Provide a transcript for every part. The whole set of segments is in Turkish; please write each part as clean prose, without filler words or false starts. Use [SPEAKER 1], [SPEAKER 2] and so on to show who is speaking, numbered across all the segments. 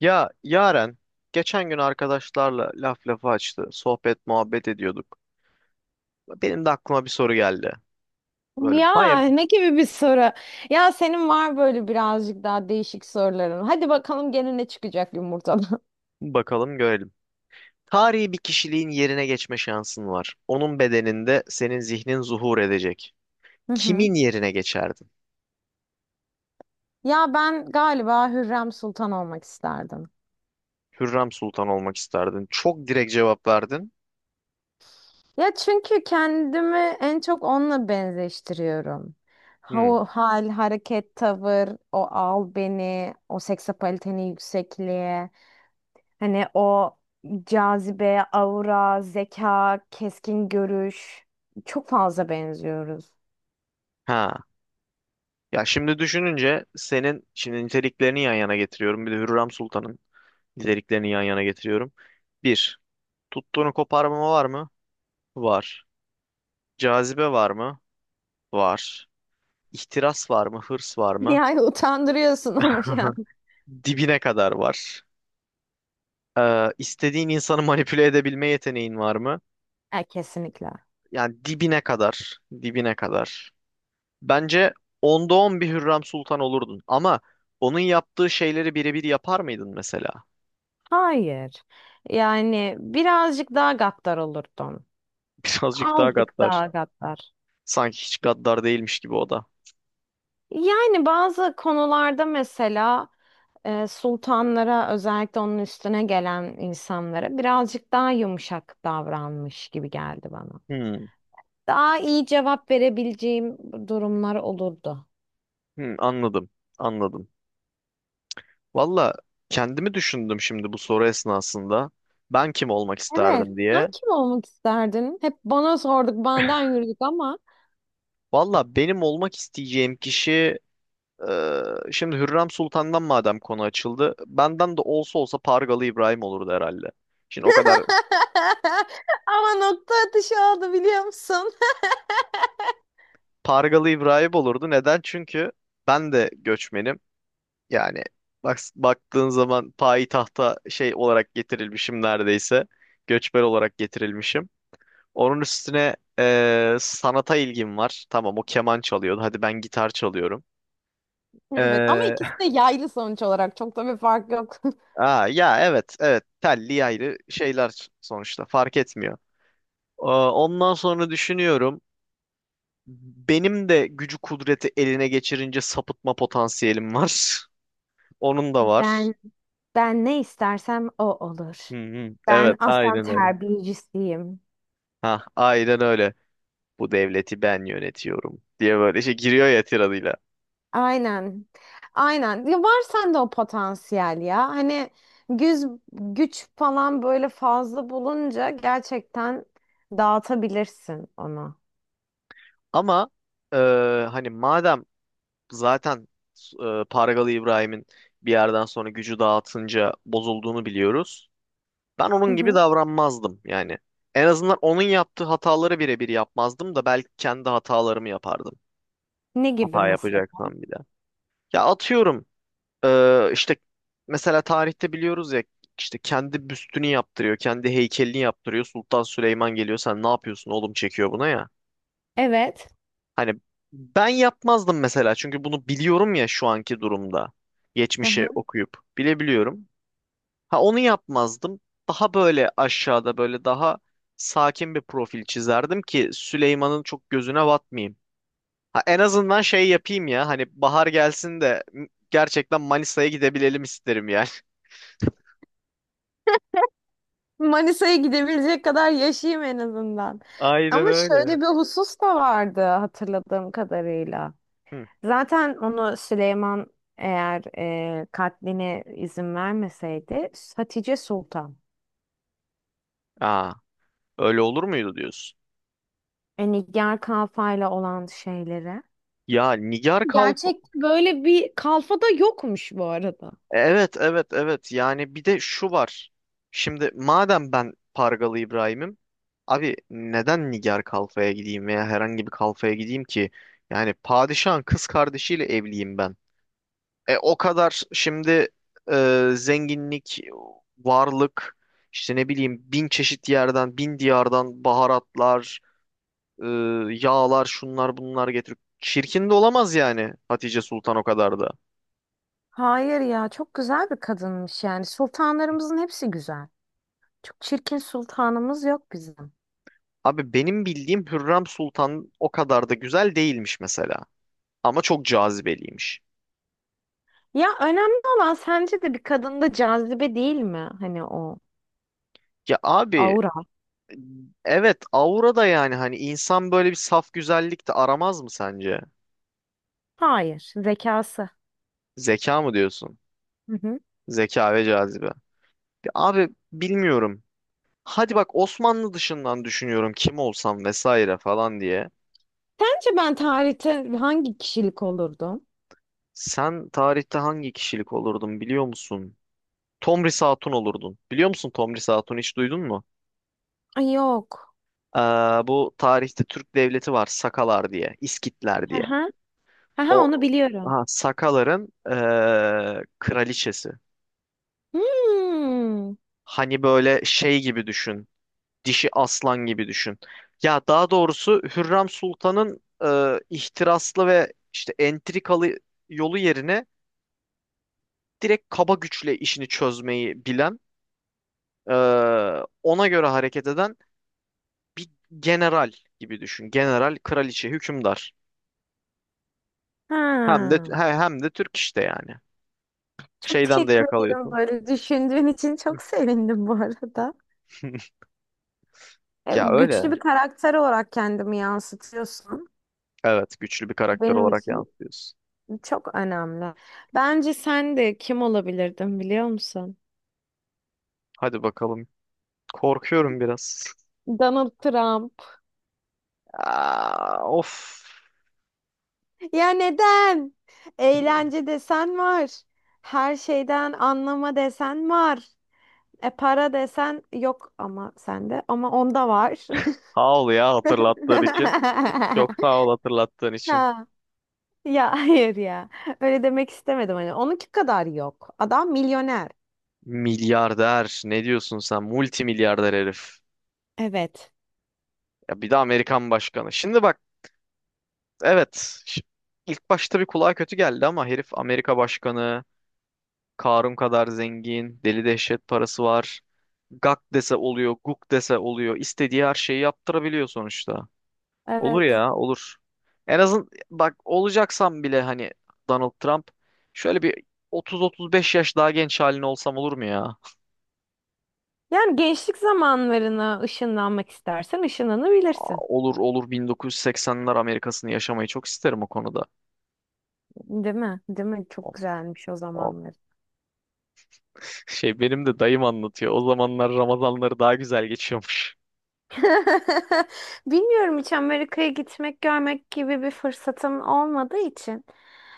[SPEAKER 1] Ya Yaren, geçen gün arkadaşlarla laf lafı açtı. Sohbet muhabbet ediyorduk. Benim de aklıma bir soru geldi. Böyle baya
[SPEAKER 2] Ya ne gibi bir soru? Ya senin var böyle birazcık daha değişik soruların. Hadi bakalım gene ne çıkacak yumurtadan.
[SPEAKER 1] bakalım görelim. Tarihi bir kişiliğin yerine geçme şansın var. Onun bedeninde senin zihnin zuhur edecek.
[SPEAKER 2] Hı hı.
[SPEAKER 1] Kimin yerine geçerdin?
[SPEAKER 2] Ya ben galiba Hürrem Sultan olmak isterdim.
[SPEAKER 1] Hürrem Sultan olmak isterdin. Çok direkt cevap verdin.
[SPEAKER 2] Ya çünkü kendimi en çok onunla benzeştiriyorum.
[SPEAKER 1] Hmm.
[SPEAKER 2] O hal, hareket, tavır, o al beni, o seksapaliteni yüksekliğe, hani o cazibe, aura, zeka, keskin görüş çok fazla benziyoruz.
[SPEAKER 1] Ha. Ya şimdi düşününce senin şimdi niteliklerini yan yana getiriyorum. Bir de Hürrem Sultan'ın niteliklerini yan yana getiriyorum. Bir, tuttuğunu koparmama var mı? Var. Cazibe var mı? Var. İhtiras var mı? Hırs var mı?
[SPEAKER 2] Yani utandırıyorsun ama şu an.
[SPEAKER 1] Dibine kadar var. İstediğin insanı manipüle edebilme yeteneğin var mı?
[SPEAKER 2] Kesinlikle.
[SPEAKER 1] Yani dibine kadar. Dibine kadar. Bence onda on bir Hürrem Sultan olurdun. Ama onun yaptığı şeyleri birebir yapar mıydın mesela?
[SPEAKER 2] Hayır. Yani birazcık daha gaddar olurdum.
[SPEAKER 1] Birazcık daha
[SPEAKER 2] Azıcık
[SPEAKER 1] gaddar.
[SPEAKER 2] daha gaddar.
[SPEAKER 1] Sanki hiç gaddar değilmiş gibi o da.
[SPEAKER 2] Yani bazı konularda mesela sultanlara özellikle onun üstüne gelen insanlara birazcık daha yumuşak davranmış gibi geldi bana.
[SPEAKER 1] Hmm,
[SPEAKER 2] Daha iyi cevap verebileceğim durumlar olurdu.
[SPEAKER 1] anladım. Anladım. Valla kendimi düşündüm şimdi bu soru esnasında. Ben kim olmak
[SPEAKER 2] Evet.
[SPEAKER 1] isterdim
[SPEAKER 2] Sen
[SPEAKER 1] diye.
[SPEAKER 2] kim olmak isterdin? Hep bana sorduk, benden yürüdük ama.
[SPEAKER 1] Valla benim olmak isteyeceğim kişi eee, şimdi Hürrem Sultan'dan madem konu açıldı. Benden de olsa olsa Pargalı İbrahim olurdu herhalde. Şimdi o kadar
[SPEAKER 2] Ama nokta atışı oldu biliyor musun?
[SPEAKER 1] Pargalı İbrahim olurdu. Neden? Çünkü ben de göçmenim. Yani bak, baktığın zaman payitahta şey olarak getirilmişim neredeyse. Göçmen olarak getirilmişim. Onun üstüne sanata ilgim var. Tamam o keman çalıyordu. Hadi ben gitar çalıyorum.
[SPEAKER 2] Evet ama
[SPEAKER 1] Eee,
[SPEAKER 2] ikisi de yaylı sonuç olarak çok da bir fark yok.
[SPEAKER 1] ya evet, telli ayrı şeyler sonuçta fark etmiyor. Ondan sonra düşünüyorum. Benim de gücü kudreti eline geçirince sapıtma potansiyelim var. Onun da var.
[SPEAKER 2] Ben ben ne istersem o olur.
[SPEAKER 1] Hı hı.
[SPEAKER 2] Ben
[SPEAKER 1] Evet
[SPEAKER 2] aslan
[SPEAKER 1] aynen öyle.
[SPEAKER 2] terbiyecisiyim.
[SPEAKER 1] Ha, aynen öyle. Bu devleti ben yönetiyorum diye böyle şey giriyor ya tiradıyla.
[SPEAKER 2] Aynen. Aynen. Ya var sende o potansiyel ya. Hani güz, güç falan böyle fazla bulunca gerçekten dağıtabilirsin onu.
[SPEAKER 1] Ama e, hani madem zaten Pargalı İbrahim'in bir yerden sonra gücü dağıtınca bozulduğunu biliyoruz. Ben
[SPEAKER 2] Hı
[SPEAKER 1] onun gibi
[SPEAKER 2] hı.
[SPEAKER 1] davranmazdım yani. En azından onun yaptığı hataları birebir yapmazdım da belki kendi hatalarımı yapardım.
[SPEAKER 2] Ne gibi
[SPEAKER 1] Hata
[SPEAKER 2] mesela?
[SPEAKER 1] yapacaksan bir de. Ya atıyorum işte mesela tarihte biliyoruz ya işte kendi büstünü yaptırıyor, kendi heykelini yaptırıyor. Sultan Süleyman geliyor sen ne yapıyorsun oğlum çekiyor buna ya.
[SPEAKER 2] Evet.
[SPEAKER 1] Hani ben yapmazdım mesela çünkü bunu biliyorum ya şu anki durumda. Geçmişe okuyup bilebiliyorum. Ha onu yapmazdım. Daha böyle aşağıda böyle daha sakin bir profil çizerdim ki Süleyman'ın çok gözüne batmayayım. Ha, en azından şey yapayım ya hani bahar gelsin de gerçekten Manisa'ya gidebilelim isterim yani.
[SPEAKER 2] Manisa'ya gidebilecek kadar yaşayayım en azından.
[SPEAKER 1] Aynen
[SPEAKER 2] Ama
[SPEAKER 1] öyle.
[SPEAKER 2] şöyle bir husus da vardı hatırladığım kadarıyla.
[SPEAKER 1] Hı.
[SPEAKER 2] Zaten onu Süleyman eğer katline izin vermeseydi Hatice Sultan.
[SPEAKER 1] Aa, öyle olur muydu diyorsun?
[SPEAKER 2] E, Nigar Kalfa'yla olan şeylere.
[SPEAKER 1] Ya Nigar Kalp
[SPEAKER 2] Gerçek böyle bir kalfa da yokmuş bu arada.
[SPEAKER 1] evet evet evet yani bir de şu var. Şimdi madem ben Pargalı İbrahim'im abi neden Nigar Kalfa'ya gideyim veya herhangi bir kalfaya gideyim ki? Yani padişahın kız kardeşiyle evliyim ben. E, o kadar şimdi zenginlik, varlık, işte ne bileyim bin çeşit yerden, bin diyardan baharatlar, e, yağlar, şunlar bunlar getirip çirkin de olamaz yani Hatice Sultan o kadar da.
[SPEAKER 2] Hayır ya çok güzel bir kadınmış yani. Sultanlarımızın hepsi güzel. Çok çirkin sultanımız yok bizim.
[SPEAKER 1] Abi benim bildiğim Hürrem Sultan o kadar da güzel değilmiş mesela. Ama çok cazibeliymiş.
[SPEAKER 2] Ya önemli olan sence de bir kadında cazibe değil mi? Hani o
[SPEAKER 1] Ya abi
[SPEAKER 2] aura.
[SPEAKER 1] evet aura da yani hani insan böyle bir saf güzellik de aramaz mı sence?
[SPEAKER 2] Hayır, zekası.
[SPEAKER 1] Zeka mı diyorsun?
[SPEAKER 2] Hı hı.
[SPEAKER 1] Zeka ve cazibe. Abi bilmiyorum. Hadi bak Osmanlı dışından düşünüyorum kim olsam vesaire falan diye.
[SPEAKER 2] Sence ben tarihte hangi kişilik olurdum?
[SPEAKER 1] Sen tarihte hangi kişilik olurdun biliyor musun? Tomris Hatun olurdun. Biliyor musun Tomris Hatun hiç duydun mu?
[SPEAKER 2] Ay yok.
[SPEAKER 1] Ee, bu tarihte Türk devleti var Sakalar diye, İskitler diye.
[SPEAKER 2] Aha. Aha onu
[SPEAKER 1] O
[SPEAKER 2] biliyorum.
[SPEAKER 1] ha, Sakaların kraliçesi.
[SPEAKER 2] Hmm.
[SPEAKER 1] Hani böyle şey gibi düşün. Dişi aslan gibi düşün. Ya daha doğrusu Hürrem Sultan'ın ihtiraslı ve işte entrikalı yolu yerine direkt kaba güçle işini çözmeyi bilen, e, ona göre hareket eden bir general gibi düşün. General, kraliçe, hükümdar.
[SPEAKER 2] Ha.
[SPEAKER 1] Hem de Türk işte yani.
[SPEAKER 2] Çok
[SPEAKER 1] Şeyden de
[SPEAKER 2] teşekkür ederim
[SPEAKER 1] yakalıyorsun.
[SPEAKER 2] böyle düşündüğün için çok sevindim bu arada.
[SPEAKER 1] Ya
[SPEAKER 2] Güçlü
[SPEAKER 1] öyle.
[SPEAKER 2] bir karakter olarak kendimi yansıtıyorsun.
[SPEAKER 1] Evet, güçlü bir karakter
[SPEAKER 2] Benim
[SPEAKER 1] olarak
[SPEAKER 2] için
[SPEAKER 1] yansıtıyorsun.
[SPEAKER 2] çok önemli. Bence sen de kim olabilirdin biliyor musun?
[SPEAKER 1] Hadi bakalım. Korkuyorum biraz.
[SPEAKER 2] Donald Trump.
[SPEAKER 1] Aa, of.
[SPEAKER 2] Ya neden? Eğlence desen var. Her şeyden anlama desen var. E para desen yok ama sende ama onda var.
[SPEAKER 1] Sağ ol ya hatırlattığın için. Çok sağ ol hatırlattığın için.
[SPEAKER 2] Ha, ya hayır ya. Öyle demek istemedim hani. Onunki kadar yok. Adam milyoner.
[SPEAKER 1] Milyarder ne diyorsun sen? Multimilyarder herif.
[SPEAKER 2] Evet.
[SPEAKER 1] Ya bir de Amerikan başkanı. Şimdi bak evet ş- ilk başta bir kulağa kötü geldi ama herif Amerika başkanı. Karun kadar zengin. Deli dehşet parası var. Gak dese oluyor, guk dese oluyor. İstediği her şeyi yaptırabiliyor sonuçta. Olur
[SPEAKER 2] Evet.
[SPEAKER 1] ya olur. En azın bak olacaksam bile hani Donald Trump şöyle bir 30-35 yaş daha genç halin olsam olur mu ya?
[SPEAKER 2] Yani gençlik zamanlarına ışınlanmak istersen
[SPEAKER 1] Aa,
[SPEAKER 2] ışınlanabilirsin.
[SPEAKER 1] olur olur 1980'ler Amerika'sını yaşamayı çok isterim o konuda.
[SPEAKER 2] Değil mi? Değil mi? Çok
[SPEAKER 1] Of,
[SPEAKER 2] güzelmiş o
[SPEAKER 1] of.
[SPEAKER 2] zamanlar.
[SPEAKER 1] Şey benim de dayım anlatıyor. O zamanlar Ramazanları daha güzel geçiyormuş.
[SPEAKER 2] Bilmiyorum hiç Amerika'ya gitmek, görmek gibi bir fırsatım olmadığı için.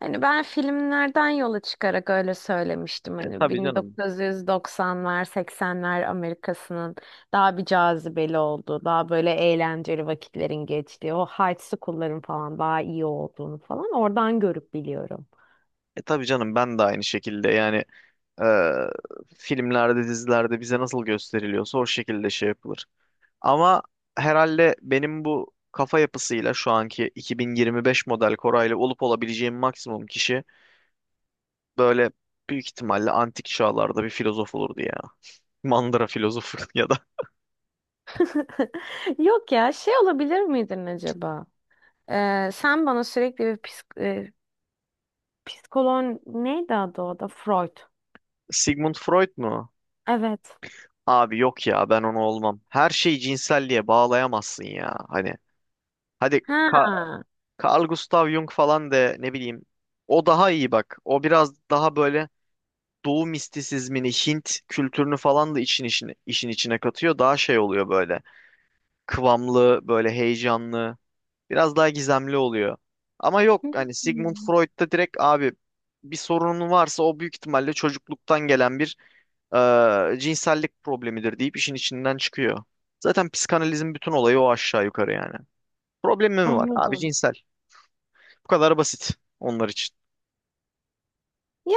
[SPEAKER 2] Hani ben filmlerden yola çıkarak öyle söylemiştim.
[SPEAKER 1] E
[SPEAKER 2] Hani
[SPEAKER 1] tabii canım.
[SPEAKER 2] 1990'lar, 80'ler Amerika'sının daha bir cazibeli oldu. Daha böyle eğlenceli vakitlerin geçtiği. O high school'ların falan daha iyi olduğunu falan oradan görüp biliyorum.
[SPEAKER 1] E tabii canım ben de aynı şekilde yani e, filmlerde dizilerde bize nasıl gösteriliyorsa o şekilde şey yapılır. Ama herhalde benim bu kafa yapısıyla şu anki 2025 model Koray'la olup olabileceğim maksimum kişi böyle büyük ihtimalle antik çağlarda bir filozof olurdu ya. Mandıra filozofu ya da
[SPEAKER 2] Yok ya şey olabilir miydin acaba? Sen bana sürekli bir psikolog neydi adı o da? Freud.
[SPEAKER 1] Sigmund Freud mu?
[SPEAKER 2] Evet.
[SPEAKER 1] Abi yok ya ben onu olmam. Her şeyi cinselliğe bağlayamazsın ya. Hani hadi Ka-
[SPEAKER 2] Ha.
[SPEAKER 1] Carl Gustav Jung falan de ne bileyim. O daha iyi bak. O biraz daha böyle Doğu mistisizmini, Hint kültürünü falan da işin içine katıyor. Daha şey oluyor böyle. Kıvamlı, böyle heyecanlı. Biraz daha gizemli oluyor. Ama yok hani Sigmund
[SPEAKER 2] Hmm,
[SPEAKER 1] Freud'da direkt abi bir sorunun varsa o büyük ihtimalle çocukluktan gelen bir cinsellik problemidir deyip işin içinden çıkıyor. Zaten psikanalizin bütün olayı o aşağı yukarı yani. Problemi mi var? Abi
[SPEAKER 2] anladım.
[SPEAKER 1] cinsel. Bu kadar basit onlar için.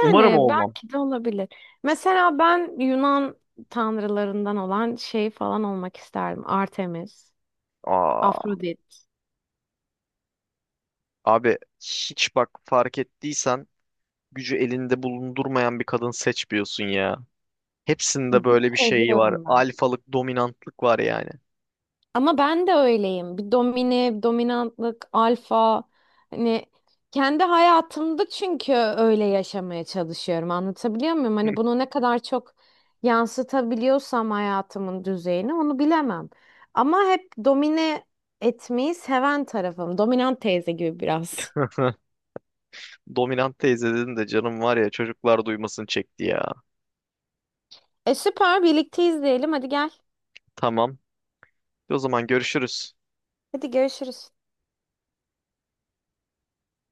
[SPEAKER 1] Umarım olmam.
[SPEAKER 2] belki de olabilir. Mesela ben Yunan tanrılarından olan şey falan olmak isterdim. Artemis,
[SPEAKER 1] Aa,
[SPEAKER 2] Afrodit.
[SPEAKER 1] abi hiç bak fark ettiysen gücü elinde bulundurmayan bir kadın seçmiyorsun ya. Hepsinde
[SPEAKER 2] Git
[SPEAKER 1] böyle bir şey var.
[SPEAKER 2] seviyorum ben.
[SPEAKER 1] Alfalık, dominantlık var yani.
[SPEAKER 2] Ama ben de öyleyim. Bir dominantlık, alfa. Hani kendi hayatımda çünkü öyle yaşamaya çalışıyorum. Anlatabiliyor muyum? Hani bunu ne kadar çok yansıtabiliyorsam hayatımın düzeyini onu bilemem. Ama hep domine etmeyi seven tarafım. Dominant teyze gibi biraz.
[SPEAKER 1] Dominant teyze dedin de canım var ya çocuklar duymasın çekti ya.
[SPEAKER 2] E süper birlikte izleyelim. Hadi gel.
[SPEAKER 1] Tamam. O zaman görüşürüz.
[SPEAKER 2] Hadi görüşürüz.